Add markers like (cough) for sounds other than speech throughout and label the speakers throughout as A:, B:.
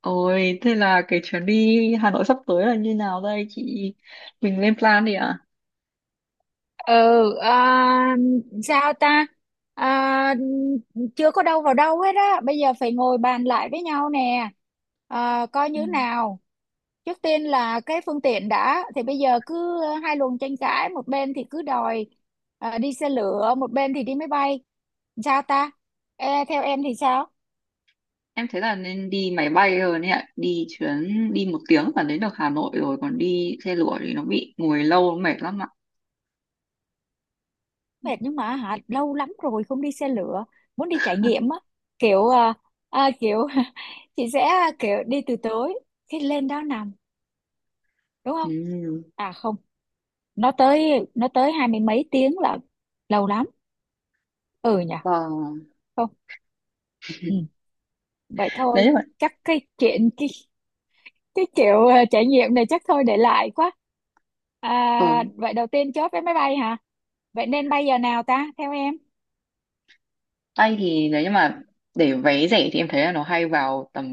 A: Ôi, thế là cái chuyến đi Hà Nội sắp tới là như nào đây chị? Mình lên plan đi ạ.
B: Ừ. à, Sao ta? À, chưa có đâu vào đâu hết á, bây giờ phải ngồi bàn lại với nhau nè. Coi
A: Ừ.
B: như nào. Trước tiên là cái phương tiện đã, thì bây giờ cứ hai luồng tranh cãi, một bên thì cứ đòi đi xe lửa, một bên thì đi máy bay. Sao ta? Ê, theo em thì sao?
A: Em thấy là nên đi máy bay rồi đấy ạ. Đi chuyến, đi 1 tiếng là đến được Hà Nội rồi. Còn đi xe lửa thì nó bị ngồi lâu, nó mệt lắm ạ.
B: Mệt nhưng mà hả, lâu lắm rồi không đi xe lửa, muốn đi trải nghiệm á, kiểu kiểu. (laughs) Chị sẽ kiểu đi từ tối, khi lên đó nằm, đúng không?
A: Ừ.
B: À không, nó tới hai mươi mấy tiếng là lâu lắm. Ừ nhỉ.
A: Vâng.
B: Không. Ừ. Vậy thôi.
A: Đấy nhưng mà
B: Chắc cái chuyện cái kiểu trải nghiệm này chắc thôi để lại quá.
A: ở
B: à, vậy đầu tiên chốt vé máy bay hả? Vậy nên bay giờ nào ta, theo em?
A: tay thì đấy nhưng mà để vé rẻ thì em thấy là nó hay vào tầm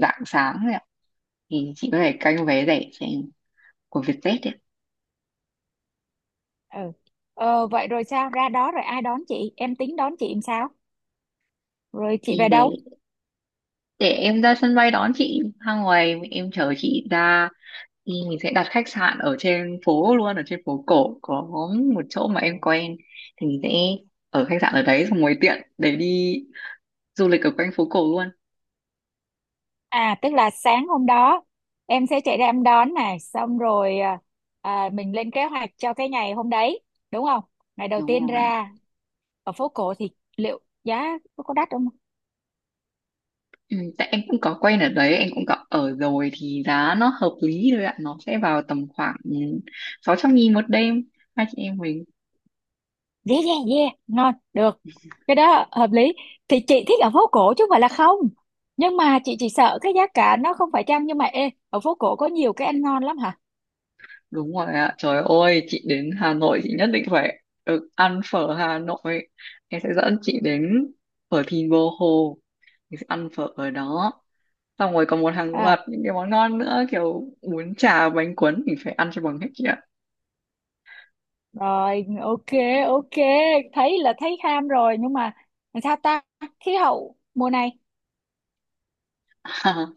A: rạng sáng đấy ạ. Thì chị có thể canh vé rẻ cho em của Vietjet ấy.
B: Ừ. Vậy rồi sao, ra đó rồi ai đón chị, em tính đón chị làm sao, rồi chị
A: Đi
B: về đâu?
A: để em ra sân bay đón chị, ra ngoài em chờ chị ra, thì mình sẽ đặt khách sạn ở trên phố luôn, ở trên phố cổ có một chỗ mà em quen, thì mình sẽ ở khách sạn ở đấy xong rồi tiện để đi du lịch ở quanh phố cổ luôn.
B: Tức là sáng hôm đó em sẽ chạy ra em đón, này xong rồi mình lên kế hoạch cho cái ngày hôm đấy, đúng không? Ngày đầu
A: Đúng
B: tiên
A: rồi ạ.
B: ra ở phố cổ thì liệu giá có đắt không?
A: Ừ, tại em cũng có quen ở đấy, em cũng có ở rồi thì giá nó hợp lý thôi ạ, nó sẽ vào tầm khoảng 600.000 1 đêm hai chị em mình.
B: Yeah, yeah, yeah, ngon được, cái đó hợp lý. Thì chị thích ở phố cổ chứ không phải là không, nhưng mà chị chỉ sợ cái giá cả nó không phải chăng. Nhưng mà ê, ở phố cổ có nhiều cái ăn ngon lắm hả?
A: Đúng rồi ạ. Trời ơi, chị đến Hà Nội chị nhất định phải được ăn phở Hà Nội. Em sẽ dẫn chị đến phở Thìn Bờ Hồ. Chị sẽ ăn phở ở đó. Xong rồi còn một hàng loạt
B: À
A: những cái món ngon nữa, kiểu bún chả, bánh cuốn, mình phải ăn cho bằng hết chị ạ.
B: Rồi, ok, ok, thấy là thấy ham rồi, nhưng mà làm sao ta, khí hậu mùa này?
A: (laughs)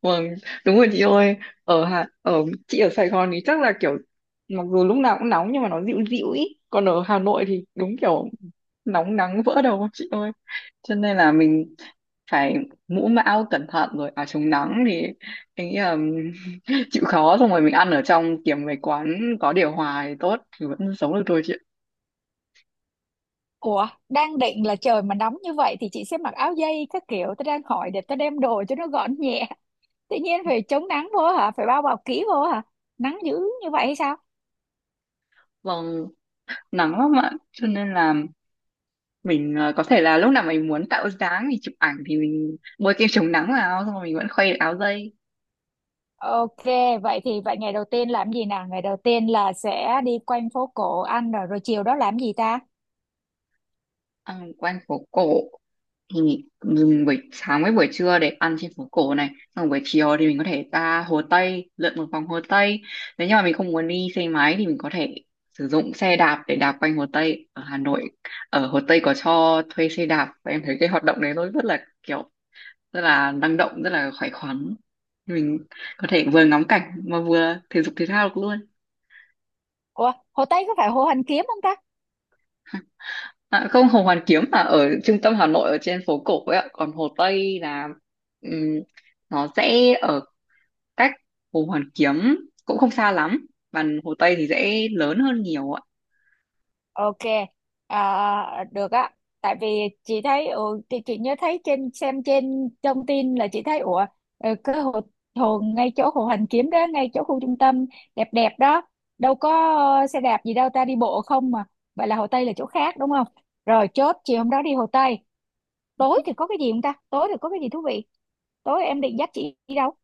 A: Vâng, đúng rồi chị ơi. Ở Hà ở chị ở Sài Gòn thì chắc là kiểu mặc dù lúc nào cũng nóng nhưng mà nó dịu dịu ý. Còn ở Hà Nội thì đúng kiểu nóng nắng vỡ đầu chị ơi. Cho nên là mình phải mũ mão cẩn thận rồi áo chống nắng, thì anh nghĩ là (laughs) chịu khó, xong rồi mình ăn ở trong, kiếm mấy quán có điều hòa thì tốt, thì vẫn sống được thôi chị ạ.
B: Ủa, đang định là trời mà nóng như vậy thì chị sẽ mặc áo dây các kiểu. Tôi đang hỏi để tôi đem đồ cho nó gọn nhẹ. (laughs) Tự nhiên phải chống nắng vô hả? Phải bao bọc kỹ vô hả? Nắng dữ như vậy hay sao?
A: Vâng, nắng lắm ạ, cho nên là mình có thể là lúc nào mình muốn tạo dáng thì chụp ảnh, thì mình bôi kem chống nắng vào, xong rồi mình vẫn khuây được áo dây.
B: Ok, vậy thì vậy, ngày đầu tiên làm gì nào? Ngày đầu tiên là sẽ đi quanh phố cổ ăn rồi, chiều đó làm gì ta?
A: Ăn quanh phố cổ thì mình buổi sáng với buổi trưa để ăn trên phố cổ này, xong rồi buổi chiều thì mình có thể ra Hồ Tây lượn một vòng Hồ Tây. Nếu như mà mình không muốn đi xe máy thì mình có thể sử dụng xe đạp để đạp quanh Hồ Tây ở Hà Nội. Ở Hồ Tây có cho thuê xe đạp, và em thấy cái hoạt động đấy nó rất là kiểu rất là năng động, rất là khỏe khoắn, mình có thể vừa ngắm cảnh mà vừa thể dục thể thao được luôn.
B: Ủa, Hồ Tây có phải Hồ Hoàn Kiếm không ta?
A: À, không, Hồ Hoàn Kiếm là ở trung tâm Hà Nội, ở trên phố cổ ấy ạ, còn Hồ Tây là ừm, nó sẽ ở cách Hồ Hoàn Kiếm cũng không xa lắm, và Hồ Tây thì dễ lớn hơn nhiều ạ.
B: Ok, được á. Tại vì chị thấy, thì chị nhớ thấy trên, xem trên thông tin là chị thấy ủa, cái hồ ngay chỗ hồ Hoàn Kiếm đó, ngay chỗ khu trung tâm đẹp đẹp đó, đâu có xe đạp gì đâu ta, đi bộ không mà. Vậy là Hồ Tây là chỗ khác đúng không? Rồi, chốt chiều hôm đó đi Hồ Tây. Tối thì có cái gì không ta? Tối thì có cái gì thú vị? Tối em định dắt chị đi đâu?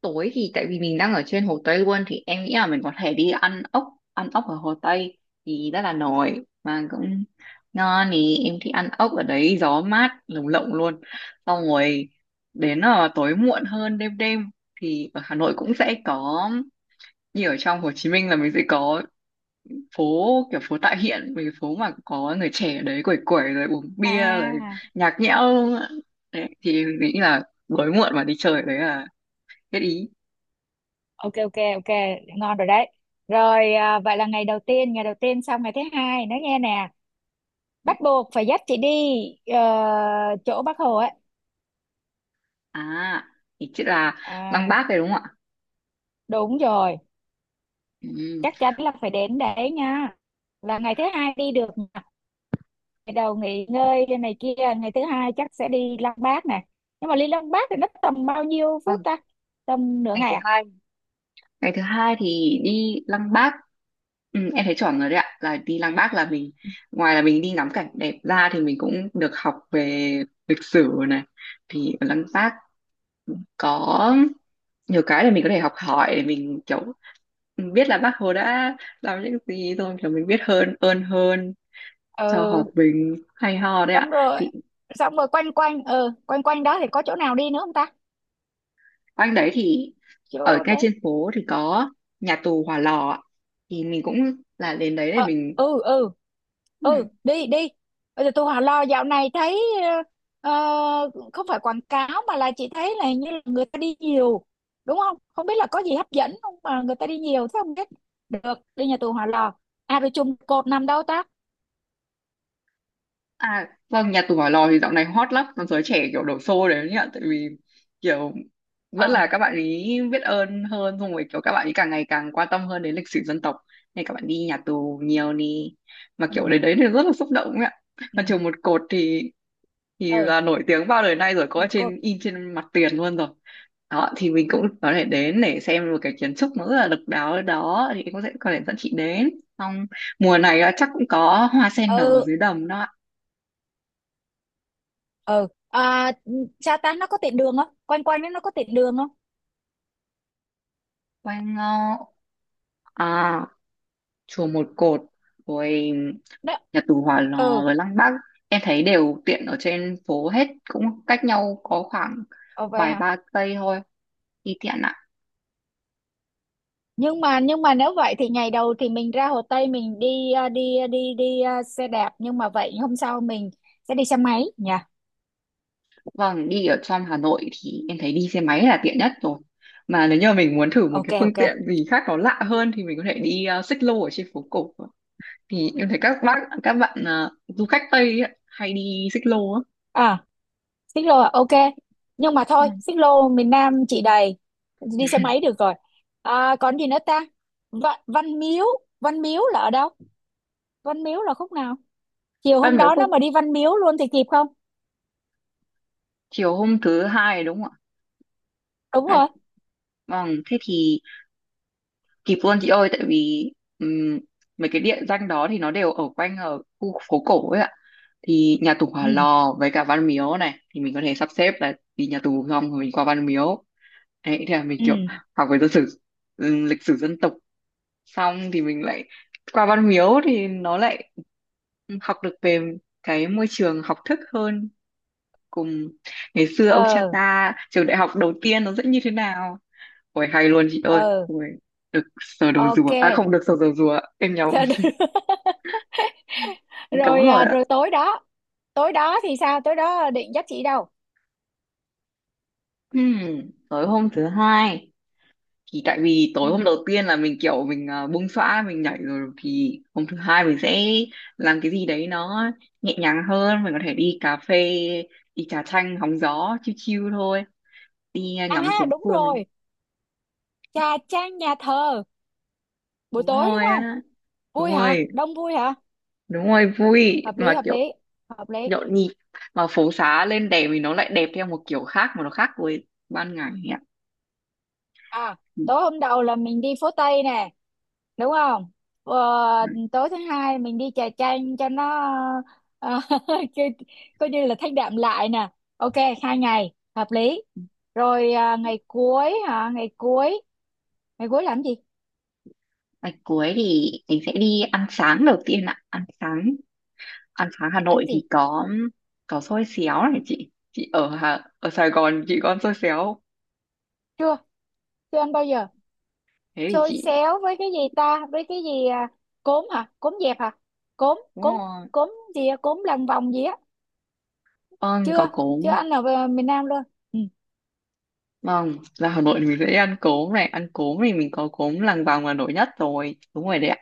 A: Tối thì tại vì mình đang ở trên Hồ Tây luôn thì em nghĩ là mình có thể đi ăn ốc ở Hồ Tây thì rất là nổi mà cũng ngon, thì em thích ăn ốc ở đấy, gió mát lồng lộng luôn. Xong rồi đến là tối muộn hơn, đêm đêm thì ở Hà Nội cũng sẽ có như ở trong Hồ Chí Minh là mình sẽ có phố, kiểu phố tại hiện mấy cái phố mà có người trẻ ở đấy quẩy quẩy rồi uống bia rồi
B: À,
A: nhạc nhẽo luôn ạ. Đấy, thì mình nghĩ là tối muộn mà đi chơi đấy là hết ý.
B: ok, ok, ok, ngon rồi đấy. Rồi vậy là ngày đầu tiên xong ngày thứ hai, nói nghe nè. Bắt buộc phải dắt chị đi ờ, chỗ Bác Hồ ấy.
A: À, thì chứ là Lăng
B: à
A: Bác đấy đúng không ạ?
B: Đúng rồi,
A: Ừ.
B: chắc chắn là phải đến đấy nha, là ngày thứ hai đi được nè. Ngày đầu nghỉ ngơi này kia, ngày thứ hai chắc sẽ đi Lăng Bác này. Nhưng mà đi Lăng Bác thì nó tầm bao nhiêu phút
A: Vâng.
B: ta? Tầm nửa
A: ngày
B: ngày
A: thứ
B: à?
A: hai ngày thứ hai thì đi Lăng Bác. Ừ, em thấy chuẩn rồi đấy ạ, là đi Lăng Bác là mình ngoài là mình đi ngắm cảnh đẹp ra thì mình cũng được học về lịch sử này, thì ở Lăng Bác có nhiều cái là mình có thể học hỏi để mình kiểu biết là bác Hồ đã làm những gì, rồi kiểu mình biết hơn cho hòa
B: Ừ.
A: bình, hay ho đấy ạ.
B: xong rồi
A: Thì
B: xong rồi quanh quanh, quanh quanh đó thì có chỗ nào đi nữa không ta?
A: quanh đấy thì ở
B: Chỗ
A: ngay
B: đấy.
A: trên phố thì có nhà tù Hỏa Lò ạ. Thì mình cũng là đến đấy để
B: Ờ.
A: mình.
B: Ừ, ừ.
A: ừ,
B: Ừ, đi đi. Bây giờ tôi hỏi lo, dạo này thấy ờ, không phải quảng cáo, mà là chị thấy là hình như là người ta đi nhiều đúng không, không biết là có gì hấp dẫn không mà người ta đi nhiều thế không biết, được đi nhà tù Hỏa Lò. Rồi chùm cột nằm đâu ta?
A: À, vâng, nhà tù Hỏa Lò thì dạo này hot lắm, còn giới trẻ kiểu đổ xô đấy nhá, tại vì kiểu vẫn
B: Ờ.
A: là các bạn ấy biết ơn hơn, xong rồi kiểu các bạn ấy càng ngày càng quan tâm hơn đến lịch sử dân tộc, nên các bạn đi nhà tù nhiều đi, mà kiểu
B: Ừ,
A: đến đấy thì rất là xúc động ấy ạ.
B: ừ,
A: Mà trường một cột thì
B: ừ.
A: là nổi tiếng bao đời nay rồi, có
B: Một cột.
A: trên in trên mặt tiền luôn rồi. Đó, thì mình cũng có thể đến để xem một cái kiến trúc nó rất là độc đáo ở đó, thì cũng sẽ có thể dẫn chị đến. Xong mùa này là chắc cũng có hoa sen nở
B: Ừ,
A: dưới đầm đó ạ.
B: ừ. Sa Tan nó có tiện đường không, quanh quanh nó có tiện đường không?
A: Quay ngó à Chùa Một Cột rồi
B: Đó.
A: nhà tù Hỏa Lò
B: Ừ.
A: rồi Lăng Bác, em thấy đều tiện ở trên phố hết, cũng cách nhau có khoảng
B: Ờ, vậy
A: vài
B: hả?
A: ba cây thôi, đi tiện ạ.
B: Nhưng mà nếu vậy thì ngày đầu thì mình ra Hồ Tây mình đi à, đi à, đi đi à, xe đạp, nhưng mà vậy hôm sau mình sẽ đi xe máy nhỉ.
A: Vâng, đi ở trong Hà Nội thì em thấy đi xe máy là tiện nhất rồi, mà nếu như mình muốn thử một
B: Ok,
A: cái phương
B: ok.
A: tiện gì khác nó lạ hơn thì mình có thể đi xích lô ở trên phố cổ, thì em thấy các bạn du khách Tây ấy hay đi xích lô á.
B: à Xích lô ok, nhưng mà thôi xích lô miền Nam chị đầy, đi xe máy được rồi. Còn gì nữa ta? Văn Miếu, Văn Miếu là ở đâu, Văn Miếu là khúc nào, chiều
A: Văn
B: hôm
A: miếu
B: đó nó
A: quốc
B: mà đi Văn Miếu luôn thì kịp không?
A: Chiều hôm thứ hai đúng không ạ?
B: Đúng
A: Hai-
B: rồi.
A: Vâng, thế thì kịp luôn chị ơi, tại vì ừm, mấy cái địa danh đó thì nó đều ở quanh, ở khu phố cổ ấy ạ, thì nhà tù Hỏa
B: Ừ,
A: Lò với cả Văn Miếu này thì mình có thể sắp xếp là đi nhà tù xong rồi mình qua Văn Miếu. Đấy thì là mình kiểu
B: ừ.
A: học về dân sử lịch sử dân tộc, xong thì mình lại qua Văn Miếu thì nó lại học được về cái môi trường học thức hơn, cùng ngày xưa ông cha
B: Ờ.
A: ta trường đại học đầu tiên nó sẽ như thế nào. Ôi hay luôn chị ơi.
B: Ờ,
A: Ôi, được sờ đầu
B: ok.
A: rùa. À không, được sờ đầu rùa. Em nhầm.
B: Sao được? (laughs)
A: Em Cấm
B: Rồi
A: rồi ạ.
B: rồi tối đó thì sao, tối đó định dắt chị đâu?
A: Ừm, Tối hôm thứ hai thì tại vì
B: Ừ.
A: tối hôm đầu tiên là mình kiểu mình bung xõa mình nhảy rồi, thì hôm thứ hai mình sẽ làm cái gì đấy nó nhẹ nhàng hơn, mình có thể đi cà phê, đi trà chanh hóng gió chill chill thôi, đi
B: à
A: ngắm phố
B: Đúng
A: phường.
B: rồi, trà, trang nhà thờ buổi
A: Đúng
B: tối đúng
A: rồi
B: không?
A: á. Đúng
B: Vui hả,
A: rồi,
B: đông vui hả?
A: đúng rồi, vui
B: Hợp lý,
A: mà
B: hợp
A: kiểu
B: lý, hợp lý.
A: nhộn nhịp, mà phố xá lên đèn thì nó lại đẹp theo một kiểu khác, mà nó khác với ban ngày ấy ạ.
B: à Tối hôm đầu là mình đi phố Tây nè, đúng không? Ờ,
A: Ừ.
B: tối thứ hai mình đi trà chanh cho nó ờ, (laughs) coi coi như là thanh đạm lại nè. Ok, 2 ngày hợp lý. Rồi ngày cuối hả, ngày cuối, ngày cuối làm gì?
A: Ngày cuối thì mình sẽ đi ăn sáng đầu tiên ạ, ăn sáng Hà
B: Ăn
A: Nội thì
B: gì?
A: có xôi xéo này, chị ở Sài Gòn chị có ăn xôi xéo không?
B: Chưa, chưa ăn bao giờ.
A: Thế thì
B: Xôi
A: chị
B: xéo với cái gì ta, với cái gì cốm hả, cốm dẹp hả, cốm
A: đúng
B: cốm
A: rồi
B: cốm gì á? Cốm lằn vòng gì á?
A: vâng có
B: Chưa, chưa ăn ở miền Nam luôn. Ừ,
A: Vâng, ra Hà Nội thì mình sẽ ăn cốm này, ăn cốm thì mình có cốm Làng Vòng là nổi nhất rồi, đúng rồi đấy ạ.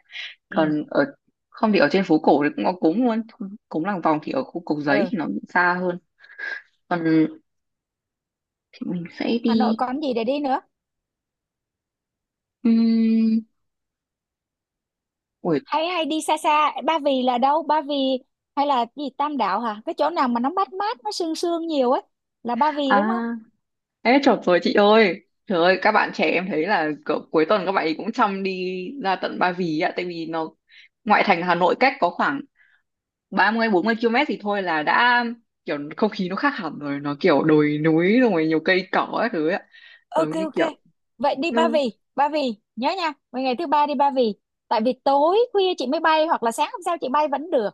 B: ừ,
A: Còn ở không thì ở trên phố cổ thì cũng có cốm luôn, cốm Làng Vòng thì ở khu Cốc Giấy
B: ừ.
A: thì nó bị xa hơn. Còn thì mình sẽ
B: Hà Nội
A: đi
B: còn gì để đi nữa?
A: um... Ui,
B: Hay hay đi xa xa. Ba Vì là đâu Ba Vì? Hay là cái gì, Tam Đảo hả, cái chỗ nào mà nó mát mát, nó sương sương nhiều ấy, là Ba Vì đúng
A: à,
B: không?
A: ê chợt rồi chị ơi. Trời ơi, các bạn trẻ em thấy là cỡ cuối tuần các bạn ấy cũng chăm đi ra tận Ba Vì ạ, tại vì nó ngoại thành Hà Nội cách có khoảng 30 40 km thì thôi là đã kiểu không khí nó khác hẳn rồi, nó kiểu đồi núi rồi nhiều cây cỏ các thứ ấy ạ,
B: Ok,
A: giống như
B: ok.
A: kiểu.
B: Vậy đi Ba
A: Ừ,
B: Vì, Ba Vì nhớ nha. Vậy ngày thứ ba đi Ba Vì, tại vì tối khuya chị mới bay, hoặc là sáng hôm sau chị bay vẫn được.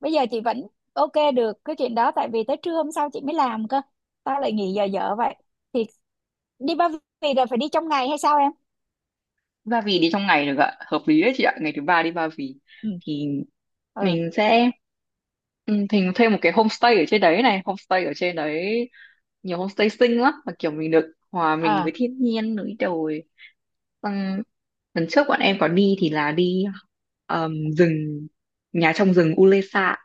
B: Bây giờ chị vẫn ok được cái chuyện đó, tại vì tới trưa hôm sau chị mới làm cơ, tao lại nghỉ giờ dở vậy. Thì đi Ba Vì là phải đi trong ngày hay sao em?
A: Ba Vì đi trong ngày được ạ, hợp lý đấy chị ạ, ngày thứ ba đi Ba Vì
B: Ừ,
A: thì
B: ừ.
A: mình sẽ mình thuê một cái homestay ở trên đấy này, homestay ở trên đấy nhiều homestay xinh lắm mà kiểu mình được hòa mình
B: ờ,
A: với thiên nhiên núi đồi. Xong lần trước bọn em có đi thì là đi ờm, rừng nhà trong rừng Ulesa,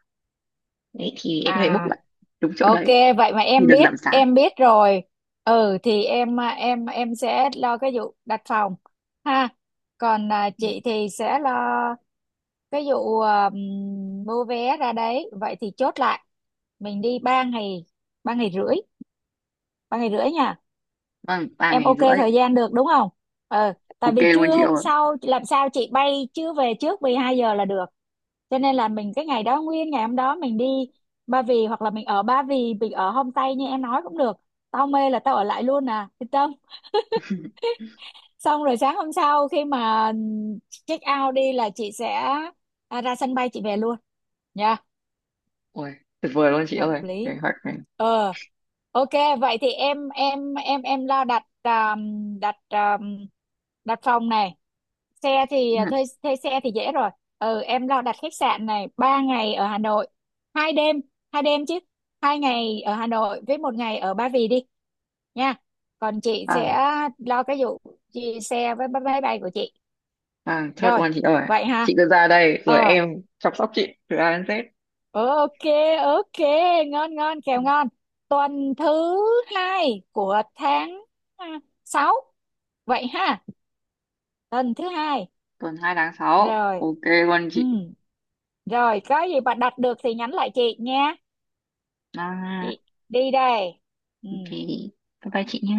A: đấy thì em
B: À,
A: có thể book
B: à.
A: lại đúng chỗ
B: Ok,
A: đấy
B: vậy mà
A: thì được giảm giá.
B: em biết rồi. Ừ, thì em em sẽ lo cái vụ đặt phòng ha. Còn chị thì sẽ lo cái vụ mua vé ra đấy. Vậy thì chốt lại mình đi 3 ngày, 3 ngày rưỡi, 3 ngày rưỡi nha.
A: Vâng, ba
B: Em
A: ngày
B: ok
A: rưỡi
B: thời gian được đúng không? Ừ, tại
A: Ok
B: vì
A: luôn
B: trưa
A: chị
B: hôm
A: ơi.
B: sau làm sao chị bay, chưa về trước 12 giờ là được. Cho nên là mình cái ngày đó nguyên ngày hôm đó mình đi Ba Vì, hoặc là mình ở Ba Vì, mình ở homestay như em nói cũng được, tao mê là tao ở lại luôn à, yên tâm.
A: (laughs)
B: Xong rồi sáng hôm sau, khi mà check out đi là chị sẽ ra sân bay chị về luôn nha.
A: Ui, tuyệt vời luôn chị
B: Hợp
A: ơi
B: lý.
A: kế hoạch này.
B: Ờ, ok. Vậy thì em lo đặt đặt đặt phòng này. Xe thì
A: Ừ,
B: à, thuê thuê xe thì dễ rồi. Ừ, em lo đặt khách sạn này, 3 ngày ở Hà Nội, 2 đêm, 2 đêm chứ, 2 ngày ở Hà Nội với một ngày ở Ba Vì đi nha. Còn chị
A: à,
B: sẽ lo cái vụ chị, xe với máy bay của chị.
A: chốt
B: Rồi,
A: luôn chị ơi,
B: vậy ha.
A: chị cứ ra đây rồi
B: Ờ,
A: em chăm sóc chị từ A đến Z.
B: ok, ok. Ngon, ngon kèo, ngon. Tuần thứ hai của tháng à, 6 vậy ha. Tuần thứ hai.
A: Tuần 2 tháng 6
B: Rồi.
A: ok luôn
B: Ừ.
A: chị.
B: Rồi, có gì bà đặt được thì nhắn lại chị nha.
A: à,
B: Chị đi đây. Ừ.
A: ok, bye bye chị nhé.